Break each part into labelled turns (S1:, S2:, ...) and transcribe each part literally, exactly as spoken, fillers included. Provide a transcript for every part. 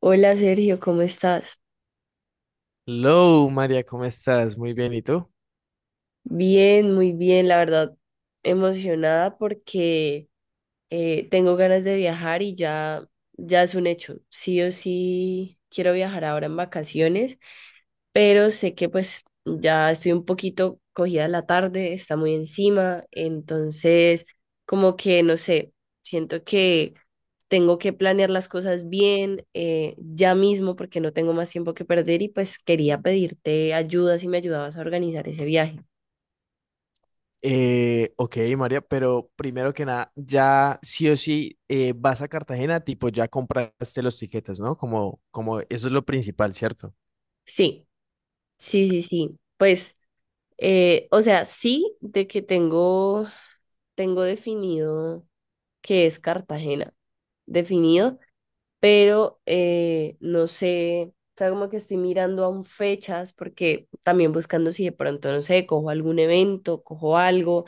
S1: Hola Sergio, ¿cómo estás?
S2: Hello, María, ¿cómo estás? Muy bien, ¿y tú?
S1: Bien, muy bien, la verdad, emocionada porque eh, tengo ganas de viajar y ya, ya es un hecho. Sí o sí quiero viajar ahora en vacaciones, pero sé que pues ya estoy un poquito cogida la tarde, está muy encima, entonces como que no sé, siento que tengo que planear las cosas bien, eh, ya mismo porque no tengo más tiempo que perder y pues quería pedirte ayuda si me ayudabas a organizar ese viaje.
S2: Eh, ok, María, pero primero que nada, ya sí o sí eh, vas a Cartagena, tipo ya compraste los tiquetes, ¿no? Como, como eso es lo principal, ¿cierto?
S1: Sí, sí, sí, sí. Pues, eh, o sea, sí, de que tengo, tengo definido que es Cartagena, definido, pero eh, no sé, o sea, como que estoy mirando aún fechas, porque también buscando si de pronto, no sé, cojo algún evento, cojo algo,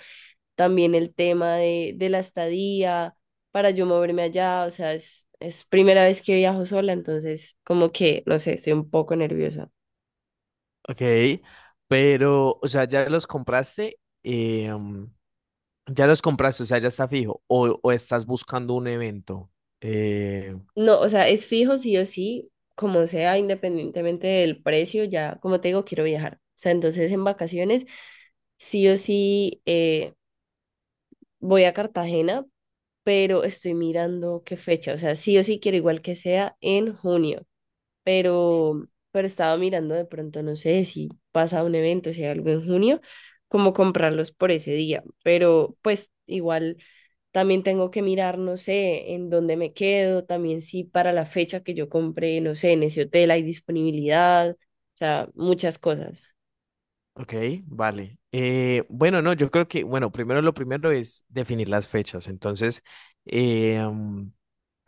S1: también el tema de, de la estadía, para yo moverme allá, o sea, es, es primera vez que viajo sola, entonces como que, no sé, estoy un poco nerviosa.
S2: Ok, pero, o sea, ya los compraste, eh, mm, ya los compraste, o sea, ya está fijo, o, o estás buscando un evento. Eh,
S1: No, o sea, es fijo sí o sí, como sea, independientemente del precio, ya, como te digo, quiero viajar. O sea, entonces en vacaciones sí o sí, eh, voy a Cartagena, pero estoy mirando qué fecha. O sea, sí o sí quiero igual que sea en junio, pero, pero estaba mirando de pronto, no sé si pasa un evento, si hay algo en junio, como comprarlos por ese día. Pero pues igual también tengo que mirar, no sé, en dónde me quedo, también si para la fecha que yo compré, no sé, en ese hotel hay disponibilidad, o sea, muchas cosas.
S2: ok, vale. Eh, bueno, no, yo creo que, bueno, primero lo primero es definir las fechas, entonces. em,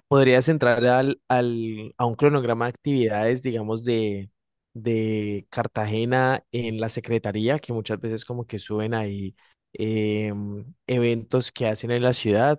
S2: Podrías entrar al, al- a un cronograma de actividades, digamos, de, de Cartagena en la Secretaría, que muchas veces como que suben ahí em, eventos que hacen en la ciudad.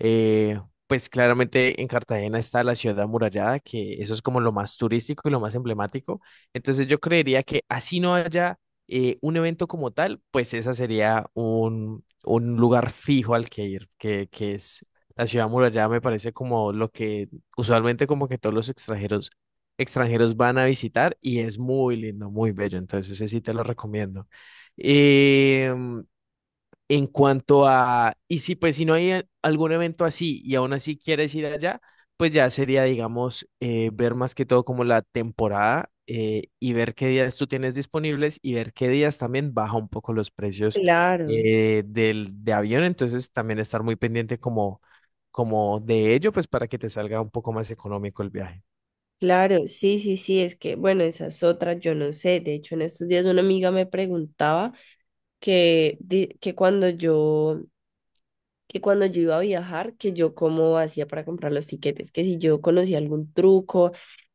S2: Eh, pues claramente en Cartagena está la ciudad amurallada, que eso es como lo más turístico y lo más emblemático. Entonces yo creería que así no haya eh, un evento como tal, pues esa sería un, un lugar fijo al que ir, que, que es la ciudad amurallada, me parece como lo que usualmente como que todos los extranjeros, extranjeros van a visitar y es muy lindo, muy bello. Entonces ese sí te lo recomiendo. Em, en cuanto a, y si pues si no hay a- algún evento así y aún así quieres ir allá, pues ya sería, digamos, eh, ver más que todo como la temporada eh, y ver qué días tú tienes disponibles y ver qué días también baja un poco los precios
S1: Claro.
S2: eh, del, de avión. Entonces también estar muy pendiente como, como de ello, pues para que te salga un poco más económico el viaje.
S1: Claro, sí, sí, sí, es que, bueno, esas otras, yo no sé. De hecho, en estos días una amiga me preguntaba que, di- que cuando yo, que cuando yo iba a viajar, que yo cómo hacía para comprar los tiquetes, que si yo conocía algún truco,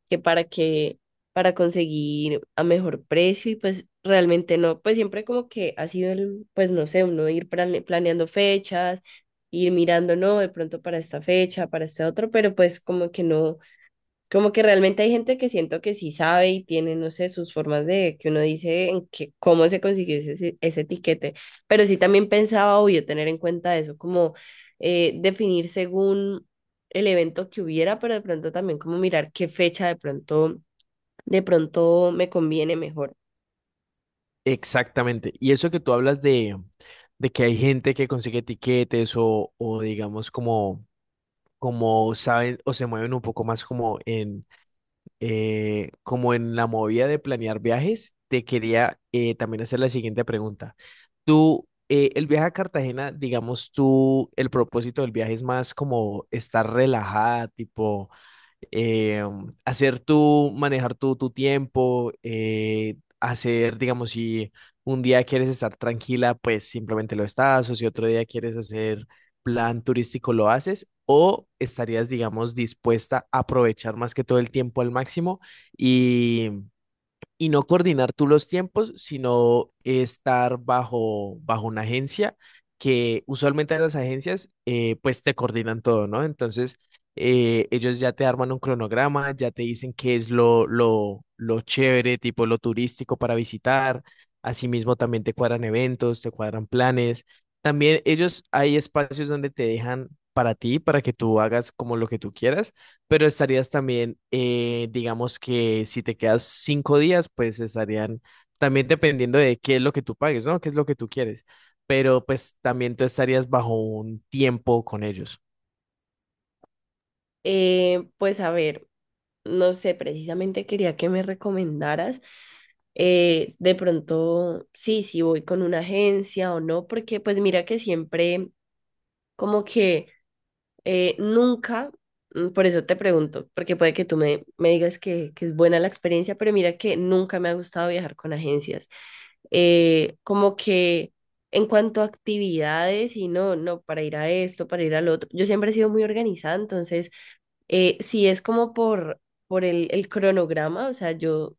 S1: que para que, para conseguir a mejor precio, y pues realmente no, pues siempre como que ha sido el, pues no sé, uno ir plane- planeando fechas, ir mirando, no, de pronto para esta fecha, para este otro, pero pues como que no. Como que realmente hay gente que siento que sí sabe y tiene, no sé, sus formas de que uno dice en que, cómo se consiguió ese, ese etiquete. Pero sí también pensaba, obvio, tener en cuenta eso, como eh, definir según el evento que hubiera, pero de pronto también como mirar qué fecha de pronto, de pronto me conviene mejor.
S2: Exactamente. Y eso que tú hablas de, de que hay gente que consigue tiquetes, o, o digamos como como saben o se mueven un poco más como en, eh, como en la movida de planear viajes, te quería eh, también hacer la siguiente pregunta. Tú, eh, el viaje a Cartagena, digamos tú, el propósito del viaje es más como estar relajada, tipo eh, hacer tú, manejar tú tu tiempo, eh, hacer, digamos, si un día quieres estar tranquila, pues simplemente lo estás, o si otro día quieres hacer plan turístico, lo haces, o estarías, digamos, dispuesta a aprovechar más que todo el tiempo al máximo y y no coordinar tú los tiempos, sino estar bajo, bajo una agencia, que usualmente las agencias eh, pues te coordinan todo, ¿no? Entonces eh, ellos ya te arman un cronograma, ya te dicen qué es lo, lo, lo chévere, tipo lo turístico para visitar. Asimismo también te cuadran eventos, te cuadran planes. También ellos hay espacios donde te dejan para ti, para que tú hagas como lo que tú quieras. Pero estarías también, eh, digamos que si te quedas cinco días, pues estarían también dependiendo de qué es lo que tú pagues, ¿no? ¿Qué es lo que tú quieres? Pero pues también tú estarías bajo un tiempo con ellos.
S1: Eh, pues a ver, no sé, precisamente quería que me recomendaras, eh, de pronto, sí, si voy con una agencia o no, porque pues mira que siempre como que eh, nunca, mm, por eso te pregunto, porque puede que tú me, me digas que, que es buena la experiencia, pero mira que nunca me ha gustado viajar con agencias. Eh, como que en cuanto a actividades y no, no, para ir a esto, para ir al otro, yo siempre he sido muy organizada, entonces, eh, si es como por, por el, el cronograma, o sea, yo,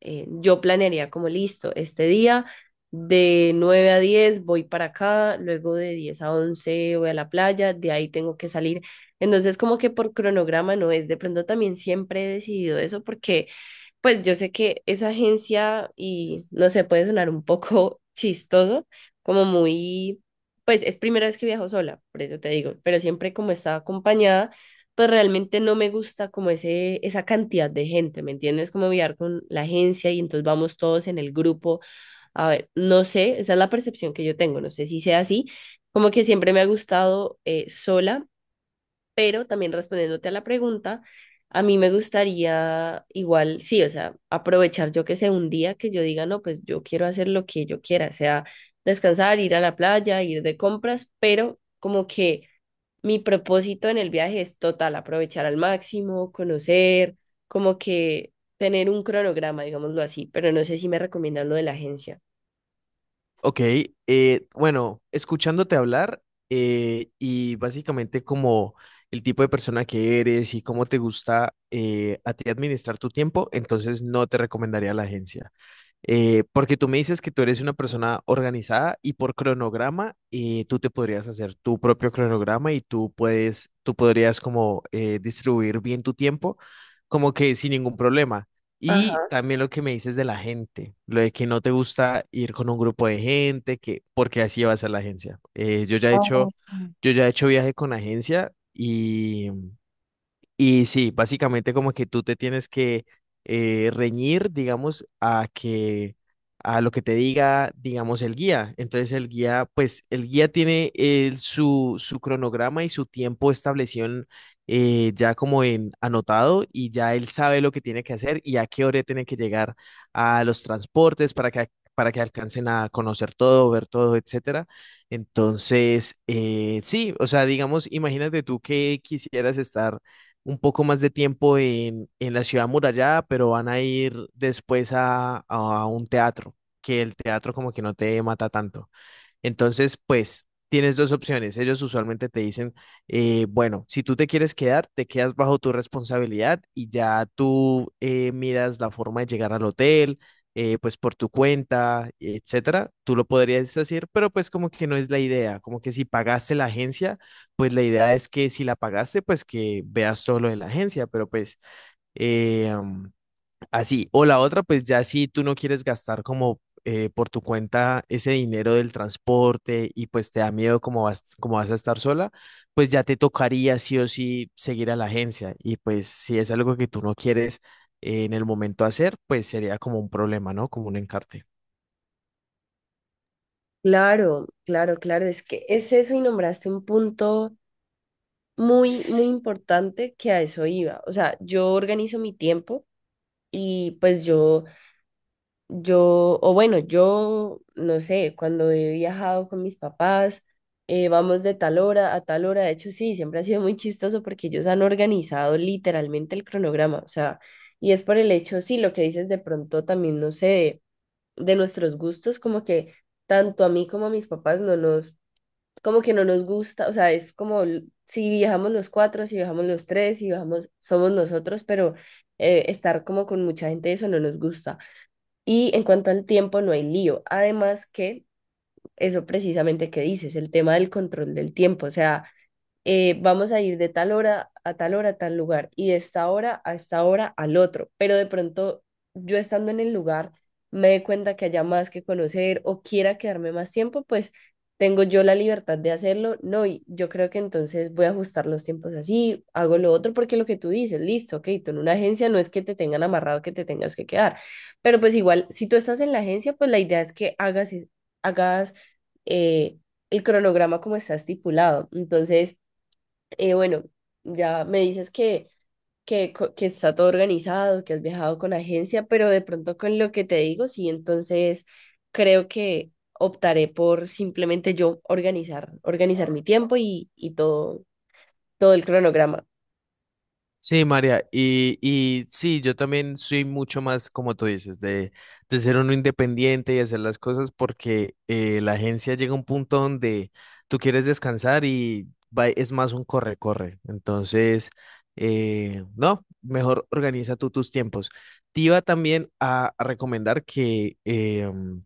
S1: eh, yo planearía como listo, este día de nueve a diez voy para acá, luego de diez a once voy a la playa, de ahí tengo que salir. Entonces como que por cronograma no es, de pronto también siempre he decidido eso porque pues yo sé que esa agencia, y no sé, puede sonar un poco chistoso, como muy, pues es primera vez que viajo sola, por eso te digo, pero siempre como estaba acompañada, pues realmente no me gusta como ese, esa cantidad de gente, ¿me entiendes? Como viajar con la agencia y entonces vamos todos en el grupo. A ver, no sé, esa es la percepción que yo tengo, no sé si sea así, como que siempre me ha gustado, eh, sola, pero también respondiéndote a la pregunta, a mí me gustaría igual, sí, o sea, aprovechar yo que sé un día que yo diga, no, pues yo quiero hacer lo que yo quiera, sea descansar, ir a la playa, ir de compras, pero como que mi propósito en el viaje es total, aprovechar al máximo, conocer, como que tener un cronograma, digámoslo así, pero no sé si me recomiendan lo de la agencia.
S2: Ok, eh, bueno, escuchándote hablar eh, y básicamente como el tipo de persona que eres y cómo te gusta eh, a ti administrar tu tiempo, entonces no te recomendaría la agencia. Eh, porque tú me dices que tú eres una persona organizada y por cronograma eh, tú te podrías hacer tu propio cronograma y tú puedes, tú podrías como eh, distribuir bien tu tiempo como que sin ningún problema. Y
S1: Ajá.
S2: también lo que me dices de la gente, lo de que no te gusta ir con un grupo de gente, que porque así va a ser la agencia. Eh, yo ya he hecho, yo ya he hecho viaje con agencia y y sí, básicamente como que tú te tienes que eh, reñir, digamos, a que a lo que te diga, digamos, el guía. Entonces el guía, pues el guía tiene eh, su, su cronograma y su tiempo establecido en, eh, ya como en anotado y ya él sabe lo que tiene que hacer y a qué hora tiene que llegar a los transportes para que, para que alcancen a conocer todo, ver todo, etcétera. Entonces, eh, sí, o sea, digamos, imagínate tú que quisieras estar un poco más de tiempo en, en la ciudad amurallada, pero van a ir después a, a un teatro, que el teatro como que no te mata tanto. Entonces, pues tienes dos opciones. Ellos usualmente te dicen, eh, bueno, si tú te quieres quedar, te quedas bajo tu responsabilidad y ya tú eh, miras la forma de llegar al hotel, eh, pues por tu cuenta, etcétera. Tú lo podrías decir, pero pues como que no es la idea. Como que si pagaste la agencia, pues la idea es que si la pagaste, pues que veas todo lo de la agencia, pero pues. eh, mm, Así, o la otra, pues ya si tú no quieres gastar como eh, por tu cuenta ese dinero del transporte, y pues te da miedo como vas, como vas a estar sola, pues ya te tocaría sí o sí seguir a la agencia. Y pues si es algo que tú no quieres eh, en el momento hacer, pues sería como un problema, ¿no? Como un encarte.
S1: Claro, claro, claro, es que es eso y nombraste un punto muy, muy importante que a eso iba. O sea, yo organizo mi tiempo y pues yo, yo, o bueno, yo, no sé, cuando he viajado con mis papás, eh, vamos de tal hora a tal hora. De hecho, sí, siempre ha sido muy chistoso porque ellos han organizado literalmente el cronograma. O sea, y es por el hecho, sí, lo que dices de pronto también, no sé, de, de nuestros gustos, como que tanto a mí como a mis papás no nos como que no nos gusta, o sea, es como l- si viajamos los cuatro, si viajamos los tres, si viajamos, somos nosotros, pero eh, estar como con mucha gente, eso no nos gusta. Y en cuanto al tiempo, no hay lío. Además que eso precisamente que dices, el tema del control del tiempo, o sea, eh, vamos a ir de tal hora a tal hora a tal lugar y de esta hora a esta hora al otro, pero de pronto yo estando en el lugar me dé cuenta que haya más que conocer o quiera quedarme más tiempo, pues tengo yo la libertad de hacerlo, no, y yo creo que entonces voy a ajustar los tiempos así, hago lo otro, porque lo que tú dices, listo, ok, tú en una agencia no es que te tengan amarrado que te tengas que quedar, pero pues igual, si tú estás en la agencia, pues la idea es que hagas, hagas, eh, el cronograma como está estipulado, entonces, eh, bueno, ya me dices que, que, co- que está todo organizado, que has viajado con agencia, pero de pronto con lo que te digo, sí, entonces creo que optaré por simplemente yo organizar, organizar mi tiempo y, y todo, todo el cronograma.
S2: Sí, María, y, y sí, yo también soy mucho más, como tú dices, de, de ser uno independiente y hacer las cosas porque eh, la agencia llega a un punto donde tú quieres descansar y va- es más un corre-corre. Entonces, eh, no, mejor organiza tú tus tiempos. Te iba también a, a recomendar que em,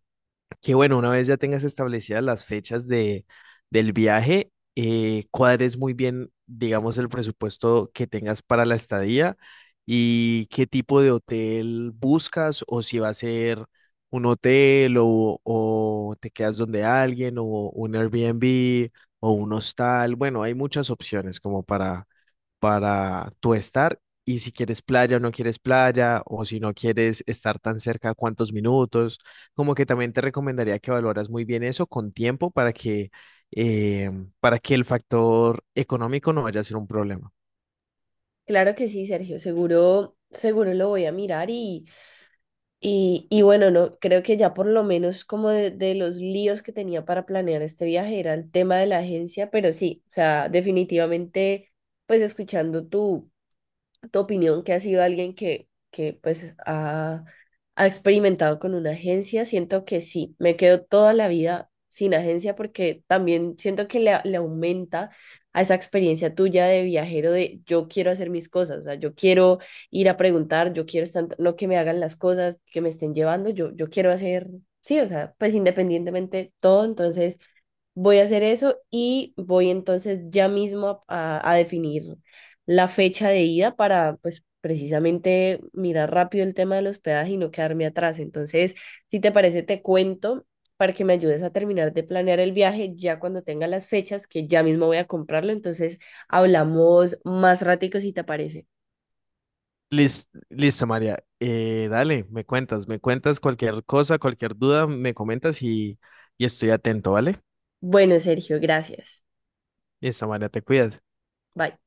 S2: que bueno, una vez ya tengas establecidas las fechas de, del viaje, eh, cuadres muy bien, digamos, el presupuesto que tengas para la estadía y qué tipo de hotel buscas o si va a ser un hotel, o, o te quedas donde alguien, o un Airbnb o un hostal. Bueno, hay muchas opciones como para, para tú estar, y si quieres playa o no quieres playa o si no quieres estar tan cerca, cuántos minutos. Como que también te recomendaría que valoras muy bien eso con tiempo para que, eh, para que el factor económico no vaya a ser un problema.
S1: Claro que sí, Sergio, seguro, seguro lo voy a mirar y, y, y bueno, no, creo que ya por lo menos como de, de los líos que tenía para planear este viaje era el tema de la agencia, pero sí, o sea, definitivamente, pues escuchando tu tu opinión, que ha sido alguien que, que pues ha, ha experimentado con una agencia, siento que sí, me quedo toda la vida sin agencia porque también siento que le, le aumenta a esa experiencia tuya de viajero de yo quiero hacer mis cosas, o sea, yo quiero ir a preguntar, yo quiero estar, no que me hagan las cosas, que me estén llevando, yo, yo quiero hacer, sí, o sea, pues independientemente todo, entonces... Voy a hacer eso y voy entonces ya mismo a, a- a definir la fecha de ida para, pues, precisamente mirar rápido el tema del hospedaje y no quedarme atrás. Entonces, si te parece, te cuento para que me ayudes a terminar de planear el viaje ya cuando tenga las fechas, que ya mismo voy a comprarlo. Entonces, hablamos más ratico si te parece.
S2: Lis- Listo, María. Eh, dale, me cuentas, me cuentas cualquier cosa, cualquier duda, me comentas y, y estoy atento, ¿vale?
S1: Bueno, Sergio, gracias.
S2: Listo, María, te cuidas.
S1: Bye.